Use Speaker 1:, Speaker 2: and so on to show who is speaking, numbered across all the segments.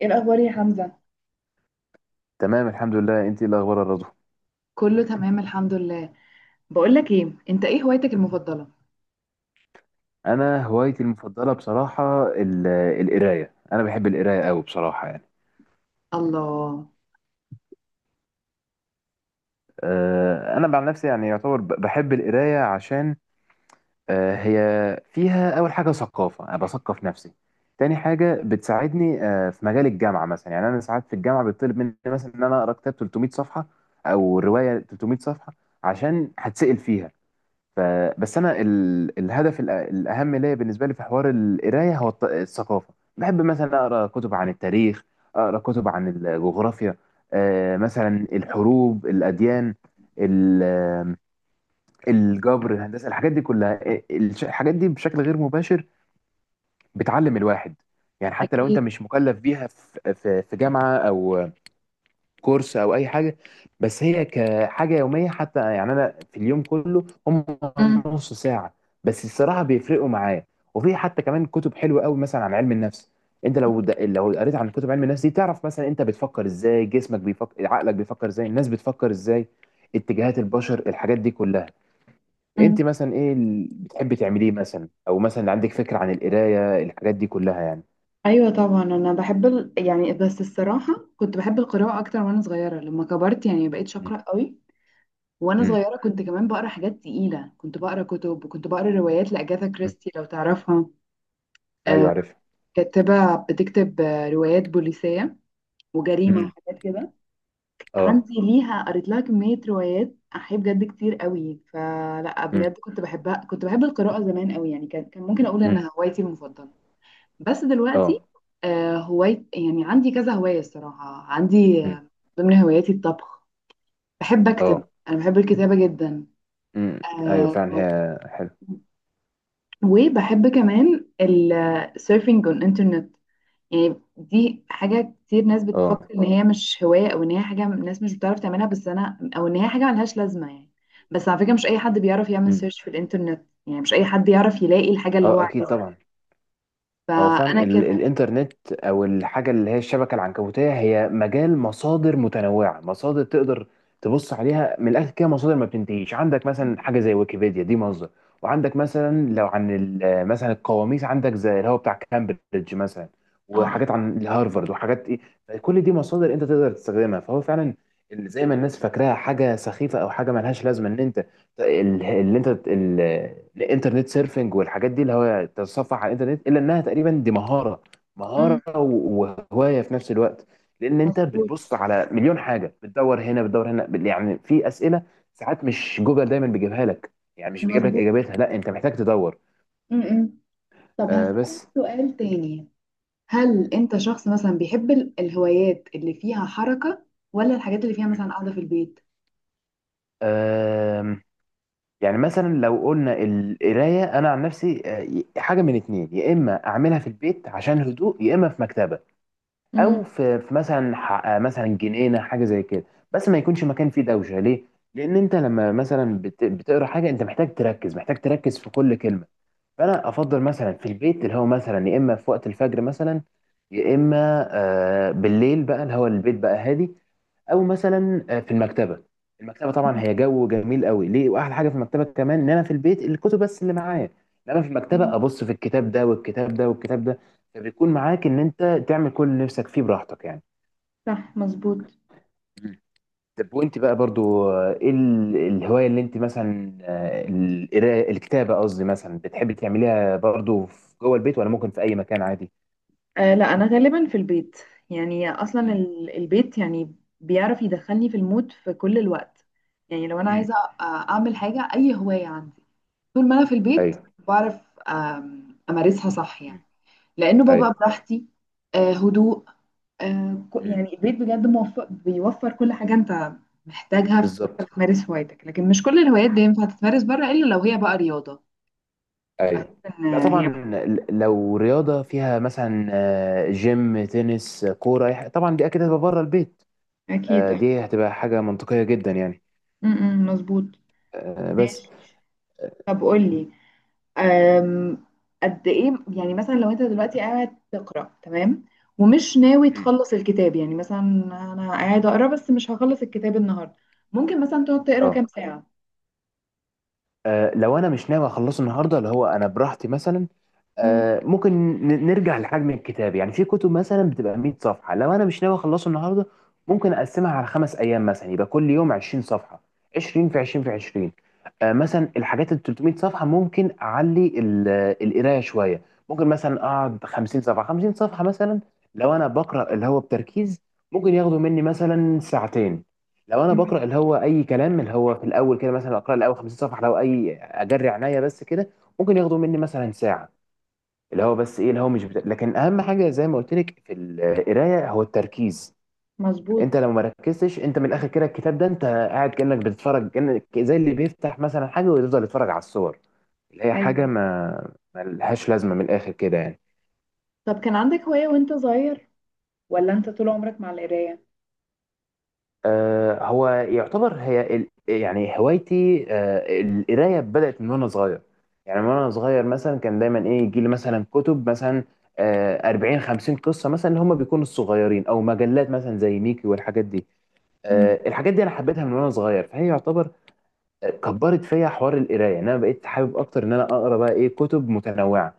Speaker 1: ايه الاخبار يا حمزه؟
Speaker 2: تمام الحمد لله. انت ايه الاخبار يا رضوى؟
Speaker 1: كله تمام الحمد لله. بقول لك ايه، انت ايه هوايتك المفضله؟
Speaker 2: انا هوايتي المفضله بصراحه القرايه. انا بحب القرايه قوي بصراحه يعني.
Speaker 1: الله.
Speaker 2: انا عن نفسي يعني يعتبر بحب القرايه عشان هي فيها اول حاجه ثقافه، انا بثقف نفسي. تاني حاجه بتساعدني في مجال الجامعه مثلا. يعني انا ساعات في الجامعه بيطلب مني مثلا ان انا اقرا كتاب 300 صفحه او روايه 300 صفحه عشان هتسال فيها، ف... بس انا الهدف الاهم ليا بالنسبه لي في حوار القرايه هو الثقافه. بحب مثلا اقرا كتب عن التاريخ، اقرا كتب عن الجغرافيا، مثلا الحروب، الاديان، ال- آه، الجبر، الهندسه، الحاجات دي كلها. الحاجات دي بشكل غير مباشر بتعلم الواحد، يعني حتى لو انت
Speaker 1: أكيد.
Speaker 2: مش مكلف بيها في في جامعه او كورس او اي حاجه. بس هي كحاجه يوميه حتى، يعني انا في اليوم كله هم
Speaker 1: أم.
Speaker 2: نص ساعه بس الصراحه بيفرقوا معايا. وفي حتى كمان كتب حلوه قوي مثلا عن علم النفس. انت لو لو قريت عن كتب علم النفس دي تعرف مثلا انت بتفكر ازاي، جسمك بيفكر عقلك بيفكر ازاي، الناس بتفكر ازاي، اتجاهات البشر، الحاجات دي كلها. انت
Speaker 1: أم.
Speaker 2: مثلا ايه اللي بتحبي تعمليه مثلا؟ او مثلا عندك فكره عن القرايه الحاجات دي كلها يعني؟
Speaker 1: ايوه طبعا، انا بحب يعني بس الصراحه كنت بحب القراءه اكتر وانا صغيره، لما كبرت يعني ما بقتش
Speaker 2: مم.
Speaker 1: اقرا قوي. وانا
Speaker 2: مم.
Speaker 1: صغيره كنت كمان بقرا حاجات تقيله، كنت بقرا كتب وكنت بقرا روايات لاجاثا
Speaker 2: مم.
Speaker 1: كريستي لو تعرفها.
Speaker 2: ايوه
Speaker 1: آه.
Speaker 2: عارف.
Speaker 1: كاتبه بتكتب روايات بوليسيه وجريمه
Speaker 2: مم.
Speaker 1: وحاجات كده.
Speaker 2: اه
Speaker 1: عندي ليها قريت لها كمية روايات، أحيي بجد كتير قوي، فلا
Speaker 2: مم.
Speaker 1: بجد كنت بحبها، كنت بحب القراءة زمان قوي يعني، كان ممكن أقول
Speaker 2: مم.
Speaker 1: إنها هوايتي المفضلة. بس دلوقتي
Speaker 2: اه
Speaker 1: هواي يعني عندي كذا هواية، الصراحة عندي
Speaker 2: مم.
Speaker 1: ضمن هواياتي الطبخ. بحب أكتب،
Speaker 2: اه
Speaker 1: أنا بحب الكتابة جدا.
Speaker 2: امم ايوه
Speaker 1: آه.
Speaker 2: فعلا هي حلو.
Speaker 1: وبحب كمان السيرفنج on الإنترنت. يعني دي حاجة كتير ناس
Speaker 2: اه
Speaker 1: بتفكر إن هي مش هواية، أو إن هي حاجة الناس مش بتعرف تعملها بس أنا، أو إن هي حاجة ملهاش لازمة يعني. بس على فكرة مش أي حد بيعرف يعمل
Speaker 2: امم
Speaker 1: سيرش في الإنترنت، يعني مش أي حد يعرف يلاقي الحاجة اللي هو
Speaker 2: اه اكيد
Speaker 1: عايزها.
Speaker 2: طبعا. هو
Speaker 1: فأنا
Speaker 2: فعلا ال
Speaker 1: كده.
Speaker 2: الانترنت او الحاجه اللي هي الشبكه العنكبوتيه هي مجال مصادر متنوعه، مصادر تقدر تبص عليها من الاخر كده، مصادر ما بتنتهيش. عندك مثلا حاجه زي ويكيبيديا دي مصدر، وعندك مثلا لو عن مثلا القواميس عندك زي اللي هو بتاع كامبريدج مثلا،
Speaker 1: اه.
Speaker 2: وحاجات عن الهارفرد وحاجات ايه، كل دي مصادر انت تقدر تستخدمها. فهو فعلا زي ما الناس فاكراها حاجه سخيفه او حاجه ملهاش لازمه ان انت ال- اللي انت ال- الانترنت سيرفنج والحاجات دي اللي هو تتصفح على الانترنت، الا انها تقريبا دي مهاره،
Speaker 1: أمم.
Speaker 2: مهاره وهوايه في نفس الوقت. لان انت
Speaker 1: مظبوط.
Speaker 2: بتبص على مليون حاجه، بتدور هنا بتدور هنا، يعني في اسئله ساعات مش جوجل دايما بيجيبها لك، يعني مش بيجيب لك
Speaker 1: مظبوط.
Speaker 2: اجابتها، لا انت محتاج تدور.
Speaker 1: أمم. طب
Speaker 2: آه
Speaker 1: هسألك
Speaker 2: بس
Speaker 1: سؤال تاني،
Speaker 2: مم.
Speaker 1: هل أنت شخص مثلا بيحب الهوايات اللي فيها حركة، ولا الحاجات اللي فيها مثلا
Speaker 2: مم.
Speaker 1: قاعدة في البيت؟
Speaker 2: آم، يعني مثلا لو قلنا القرايه انا عن نفسي، حاجه من اتنين: يا اما اعملها في البيت عشان هدوء، يا اما في مكتبه،
Speaker 1: أمم.
Speaker 2: او في مثلا مثلا جنينه حاجه زي كده، بس ما يكونش مكان فيه دوشه ليه. لان انت لما مثلا بتقرا حاجه انت محتاج تركز، محتاج تركز في كل كلمه. فانا افضل مثلا في البيت اللي هو مثلا، يا اما في وقت الفجر مثلا، يا اما بالليل بقى اللي هو البيت بقى هادي، او مثلا في المكتبه. المكتبه طبعا هي جو جميل قوي ليه، واحلى حاجه في المكتبه كمان ان انا في البيت الكتب بس اللي معايا، انما في المكتبه
Speaker 1: أمم.
Speaker 2: ابص في الكتاب ده والكتاب ده والكتاب ده، فبيكون معاك ان انت تعمل كل اللي نفسك فيه براحتك يعني.
Speaker 1: صح. مظبوط.
Speaker 2: طب وانت بقى برضو، ايه الهواية اللي انت مثلا، القراءة الكتابة قصدي، مثلا بتحبي تعمليها برضو جوه البيت، ولا ممكن في اي مكان عادي؟
Speaker 1: آه، لا انا غالبا في البيت. يعني اصلا
Speaker 2: مم.
Speaker 1: البيت يعني بيعرف يدخلني في المود في كل الوقت. يعني لو انا
Speaker 2: مم.
Speaker 1: عايزه اعمل حاجه اي هوايه عندي، طول ما انا في البيت
Speaker 2: ايوه.
Speaker 1: بعرف امارسها صح يعني.
Speaker 2: مم.
Speaker 1: لانه ببقى
Speaker 2: ايوه.
Speaker 1: براحتي. آه، هدوء.
Speaker 2: مم.
Speaker 1: يعني البيت بجد موفر بيوفر كل حاجه انت محتاجها في
Speaker 2: بالظبط.
Speaker 1: وانت بتمارس هوايتك، لكن مش كل الهوايات بينفع تتمارس بره الا لو هي بقى رياضه. بحس
Speaker 2: ايوه.
Speaker 1: ان
Speaker 2: لا
Speaker 1: هي.
Speaker 2: طبعا، لو رياضة فيها مثلا جيم، تنس، كورة، أي حاجة، طبعا دي اكيد هتبقى بره البيت.
Speaker 1: اكيد. أه.
Speaker 2: دي هتبقى حاجة منطقية جدا يعني.
Speaker 1: م- م، مظبوط.
Speaker 2: آه، بس
Speaker 1: ماشي. طب قولي. أم. قد ايه يعني مثلا لو انت دلوقتي قاعد تقرا تمام، ومش ناوي
Speaker 2: مم.
Speaker 1: تخلص الكتاب يعني مثلا، انا قاعد اقرا بس مش هخلص الكتاب النهارده، ممكن مثلا تقعد تقرا
Speaker 2: اه.
Speaker 1: كام ساعه؟
Speaker 2: لو انا مش ناوي اخلصه النهارده اللي هو انا براحتي مثلا،
Speaker 1: مم.
Speaker 2: ممكن نرجع لحجم الكتاب. يعني في كتب مثلا بتبقى 100 صفحه، لو انا مش ناوي اخلصه النهارده ممكن اقسمها على خمس ايام مثلا، يبقى كل يوم 20 صفحه، 20 في 20 في 20. مثلا الحاجات ال 300 صفحه ممكن اعلي القرايه شويه، ممكن مثلا اقعد 50 صفحه 50 صفحه مثلا. لو انا بقرا اللي هو بتركيز ممكن ياخدوا مني مثلا ساعتين، لو انا
Speaker 1: مم.
Speaker 2: بقرا اللي هو اي كلام اللي هو في الاول كده مثلا، اقرا الاول 50 صفحه لو اي، اجري عينيا بس كده، ممكن ياخدوا مني مثلا ساعه. اللي هو بس ايه اللي هو مش بت... لكن اهم حاجه زي ما قلت لك في القرايه هو التركيز. انت
Speaker 1: مظبوط.
Speaker 2: لو ما ركزتش انت من الاخر كده الكتاب ده، انت قاعد كانك بتتفرج، كانك زي اللي بيفتح مثلا حاجه ويفضل يتفرج على الصور، اللي هي حاجه
Speaker 1: ايوه.
Speaker 2: ما لهاش لازمه من الاخر كده يعني.
Speaker 1: طب كان عندك هوايه وانت صغير، ولا انت طول عمرك مع القرايه؟
Speaker 2: هو يعتبر هي يعني هوايتي، القرايه، بدات من وانا صغير. يعني من وانا صغير مثلا كان دايما ايه يجي لي مثلا كتب مثلا، 40 50 قصه مثلا اللي هم بيكونوا الصغيرين، او مجلات مثلا زي ميكي والحاجات دي.
Speaker 1: مم.
Speaker 2: الحاجات دي انا حبيتها من وانا صغير، فهي يعتبر كبرت فيا حوار القرايه، ان انا بقيت حابب اكتر ان انا اقرا بقى ايه كتب متنوعه.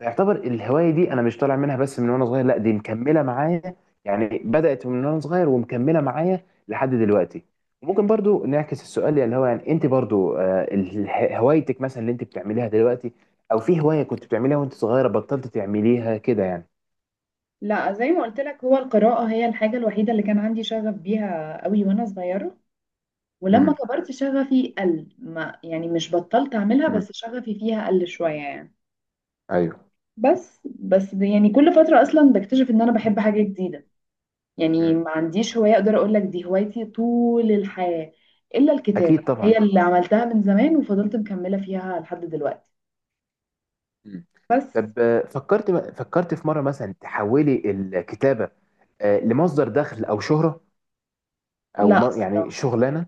Speaker 2: يعتبر الهواية دي أنا مش طالع منها، بس من وأنا صغير لا، دي مكملة معايا. يعني بدأت من وأنا صغير ومكملة معايا لحد دلوقتي. وممكن برضو نعكس السؤال، يعني اللي هو يعني أنت برضو، هوايتك مثلا اللي أنت بتعمليها دلوقتي، أو في هواية كنت بتعمليها وأنت صغيرة بطلت تعمليها كده يعني؟
Speaker 1: لا، زي ما قلت لك هو القراءه هي الحاجه الوحيده اللي كان عندي شغف بيها قوي وانا صغيره، ولما
Speaker 2: امم
Speaker 1: كبرت شغفي قل، ما يعني مش بطلت اعملها
Speaker 2: امم
Speaker 1: بس شغفي فيها قل شويه يعني.
Speaker 2: ايوه.
Speaker 1: بس ده يعني كل فترة أصلا بكتشف إن أنا بحب حاجة جديدة. يعني
Speaker 2: مم.
Speaker 1: ما عنديش هواية أقدر أقول لك دي هوايتي طول الحياة إلا الكتابة،
Speaker 2: أكيد طبعا.
Speaker 1: هي اللي عملتها من زمان وفضلت مكملة فيها لحد دلوقتي.
Speaker 2: مم.
Speaker 1: بس.
Speaker 2: طب فكرت في مرة مثلا تحولي الكتابة لمصدر دخل أو شهرة أو
Speaker 1: لا
Speaker 2: يعني
Speaker 1: الصراحة.
Speaker 2: شغلانة؟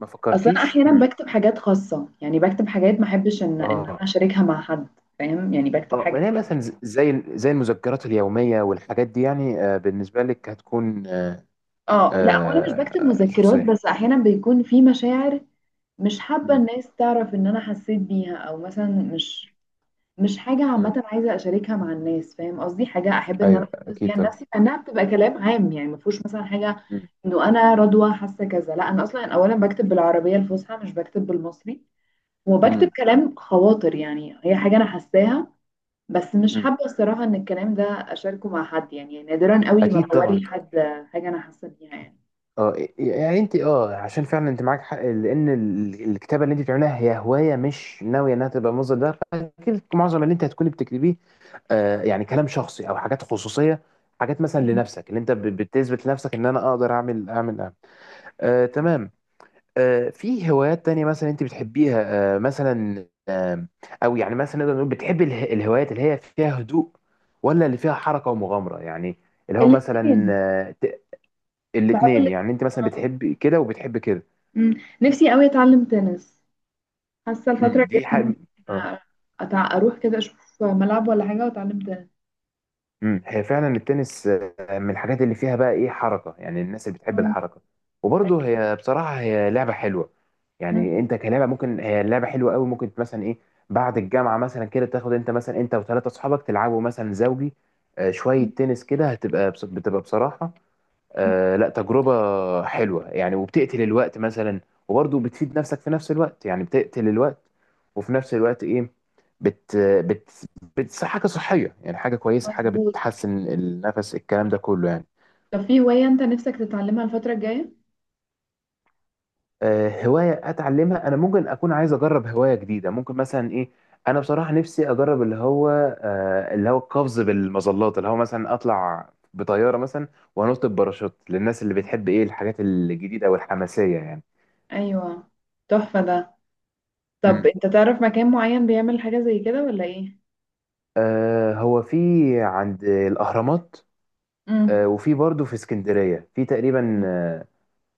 Speaker 2: ما
Speaker 1: أصلا أنا
Speaker 2: فكرتيش؟
Speaker 1: أحيانا بكتب حاجات خاصة يعني بكتب حاجات ما أحبش إن أنا
Speaker 2: آه
Speaker 1: أشاركها مع حد. فاهم يعني بكتب
Speaker 2: اه ما
Speaker 1: حاجات.
Speaker 2: هي مثلا زي المذكرات اليوميه والحاجات دي يعني. بالنسبه لك هتكون
Speaker 1: آه، لا هو أنا مش بكتب مذكرات،
Speaker 2: شخصيه.
Speaker 1: بس أحيانا بيكون في مشاعر. مش حابة
Speaker 2: مم.
Speaker 1: الناس تعرف إن أنا حسيت بيها، أو مثلا مش حاجة
Speaker 2: مم.
Speaker 1: عامة عايزة أشاركها مع الناس. فاهم قصدي حاجة أحب إن أنا
Speaker 2: ايوه
Speaker 1: أحدث
Speaker 2: اكيد
Speaker 1: بيها
Speaker 2: طبعا.
Speaker 1: لنفسي، لأنها بتبقى كلام عام يعني ما فيهوش مثلا حاجة
Speaker 2: مم.
Speaker 1: إنه أنا رضوى حاسة كذا. لا أنا أصلا أولا بكتب بالعربية الفصحى، مش بكتب بالمصري. وبكتب
Speaker 2: مم.
Speaker 1: كلام خواطر يعني هي حاجة أنا حاساها. بس مش
Speaker 2: مم.
Speaker 1: حابة الصراحة إن الكلام ده أشاركه مع حد، يعني نادرا قوي ما
Speaker 2: اكيد طبعا.
Speaker 1: بوري حد حاجة أنا حاسة بيها يعني.
Speaker 2: اه يعني انت، عشان فعلا انت معاك حق، لان الكتابه اللي انت بتعملها هي هوايه مش ناويه انها تبقى مصدر دخل، فاكيد معظم اللي انت هتكوني بتكتبيه يعني كلام شخصي او حاجات خصوصيه، حاجات مثلا لنفسك، اللي انت بتثبت لنفسك ان انا اقدر أعمل. تمام. في هوايات تانية مثلا انت بتحبيها مثلا؟ او يعني مثلا نقدر نقول بتحبي الهوايات اللي هي فيها هدوء، ولا اللي فيها حركة ومغامرة يعني؟ اللي هو مثلا
Speaker 1: الاثنين. بحب
Speaker 2: الاتنين
Speaker 1: الاثنين.
Speaker 2: يعني، انت مثلا
Speaker 1: آه.
Speaker 2: بتحبي كده وبتحبي كده؟
Speaker 1: أمم. نفسي قوي أتعلم تنس. حاسه الفتره الجايه
Speaker 2: دي
Speaker 1: ممكن
Speaker 2: حاجة. آه.
Speaker 1: اروح كده اشوف ملعب ولا حاجه واتعلم تاني.
Speaker 2: هي فعلا التنس من الحاجات اللي فيها بقى ايه حركه، يعني الناس اللي بتحب
Speaker 1: مم.
Speaker 2: الحركه. وبرضه هي بصراحه هي لعبه حلوه،
Speaker 1: مم.
Speaker 2: يعني انت كلعبه ممكن هي لعبه حلوه قوي. ممكن مثلا ايه بعد الجامعه مثلا كده تاخد، انت مثلا وثلاثه اصحابك تلعبوا مثلا زوجي، شويه
Speaker 1: مم.
Speaker 2: تنس كده، هتبقى بتبقى بصراحه
Speaker 1: مم.
Speaker 2: لا تجربة حلوة يعني، وبتقتل الوقت مثلا، وبرضه بتفيد نفسك في نفس الوقت. يعني بتقتل الوقت وفي نفس الوقت ايه، بت بت بت حاجة صحية، يعني حاجة كويسة، حاجة
Speaker 1: مظبوط.
Speaker 2: بتحسن النفس الكلام ده كله يعني.
Speaker 1: طب في هوايه انت نفسك تتعلمها الفتره الجايه؟
Speaker 2: هواية اتعلمها انا، ممكن اكون عايز اجرب هواية جديدة. ممكن مثلا ايه، انا بصراحة نفسي اجرب اللي هو اللي هو القفز بالمظلات، اللي هو مثلا اطلع بطيارة مثلا وانط بباراشوت، للناس اللي بتحب ايه الحاجات الجديدة والحماسية يعني.
Speaker 1: ايوه تحفه ده. طب انت تعرف مكان معين بيعمل حاجه زي كده ولا ايه؟
Speaker 2: هو في عند الأهرامات،
Speaker 1: امم.
Speaker 2: وفي برضه في اسكندرية في تقريبا.
Speaker 1: مم.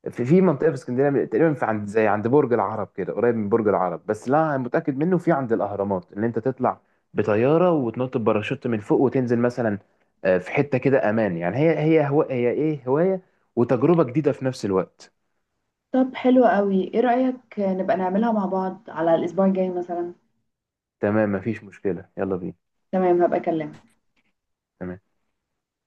Speaker 2: في منطقة في اسكندرية تقريبا، في عند زي عند برج العرب كده، قريب من برج العرب، بس لا أنا متأكد منه في عند الأهرامات اللي أنت تطلع بطيارة وتنط بباراشوت من فوق وتنزل مثلا. في حتة كده أمان يعني، هي إيه هواية وتجربة جديدة في نفس الوقت.
Speaker 1: طب حلو قوي، ايه رايك نبقى نعملها مع بعض على الاسبوع الجاي مثلا؟
Speaker 2: تمام مفيش مشكلة، يلا بينا.
Speaker 1: تمام، هبقى اكلمك.
Speaker 2: تمام.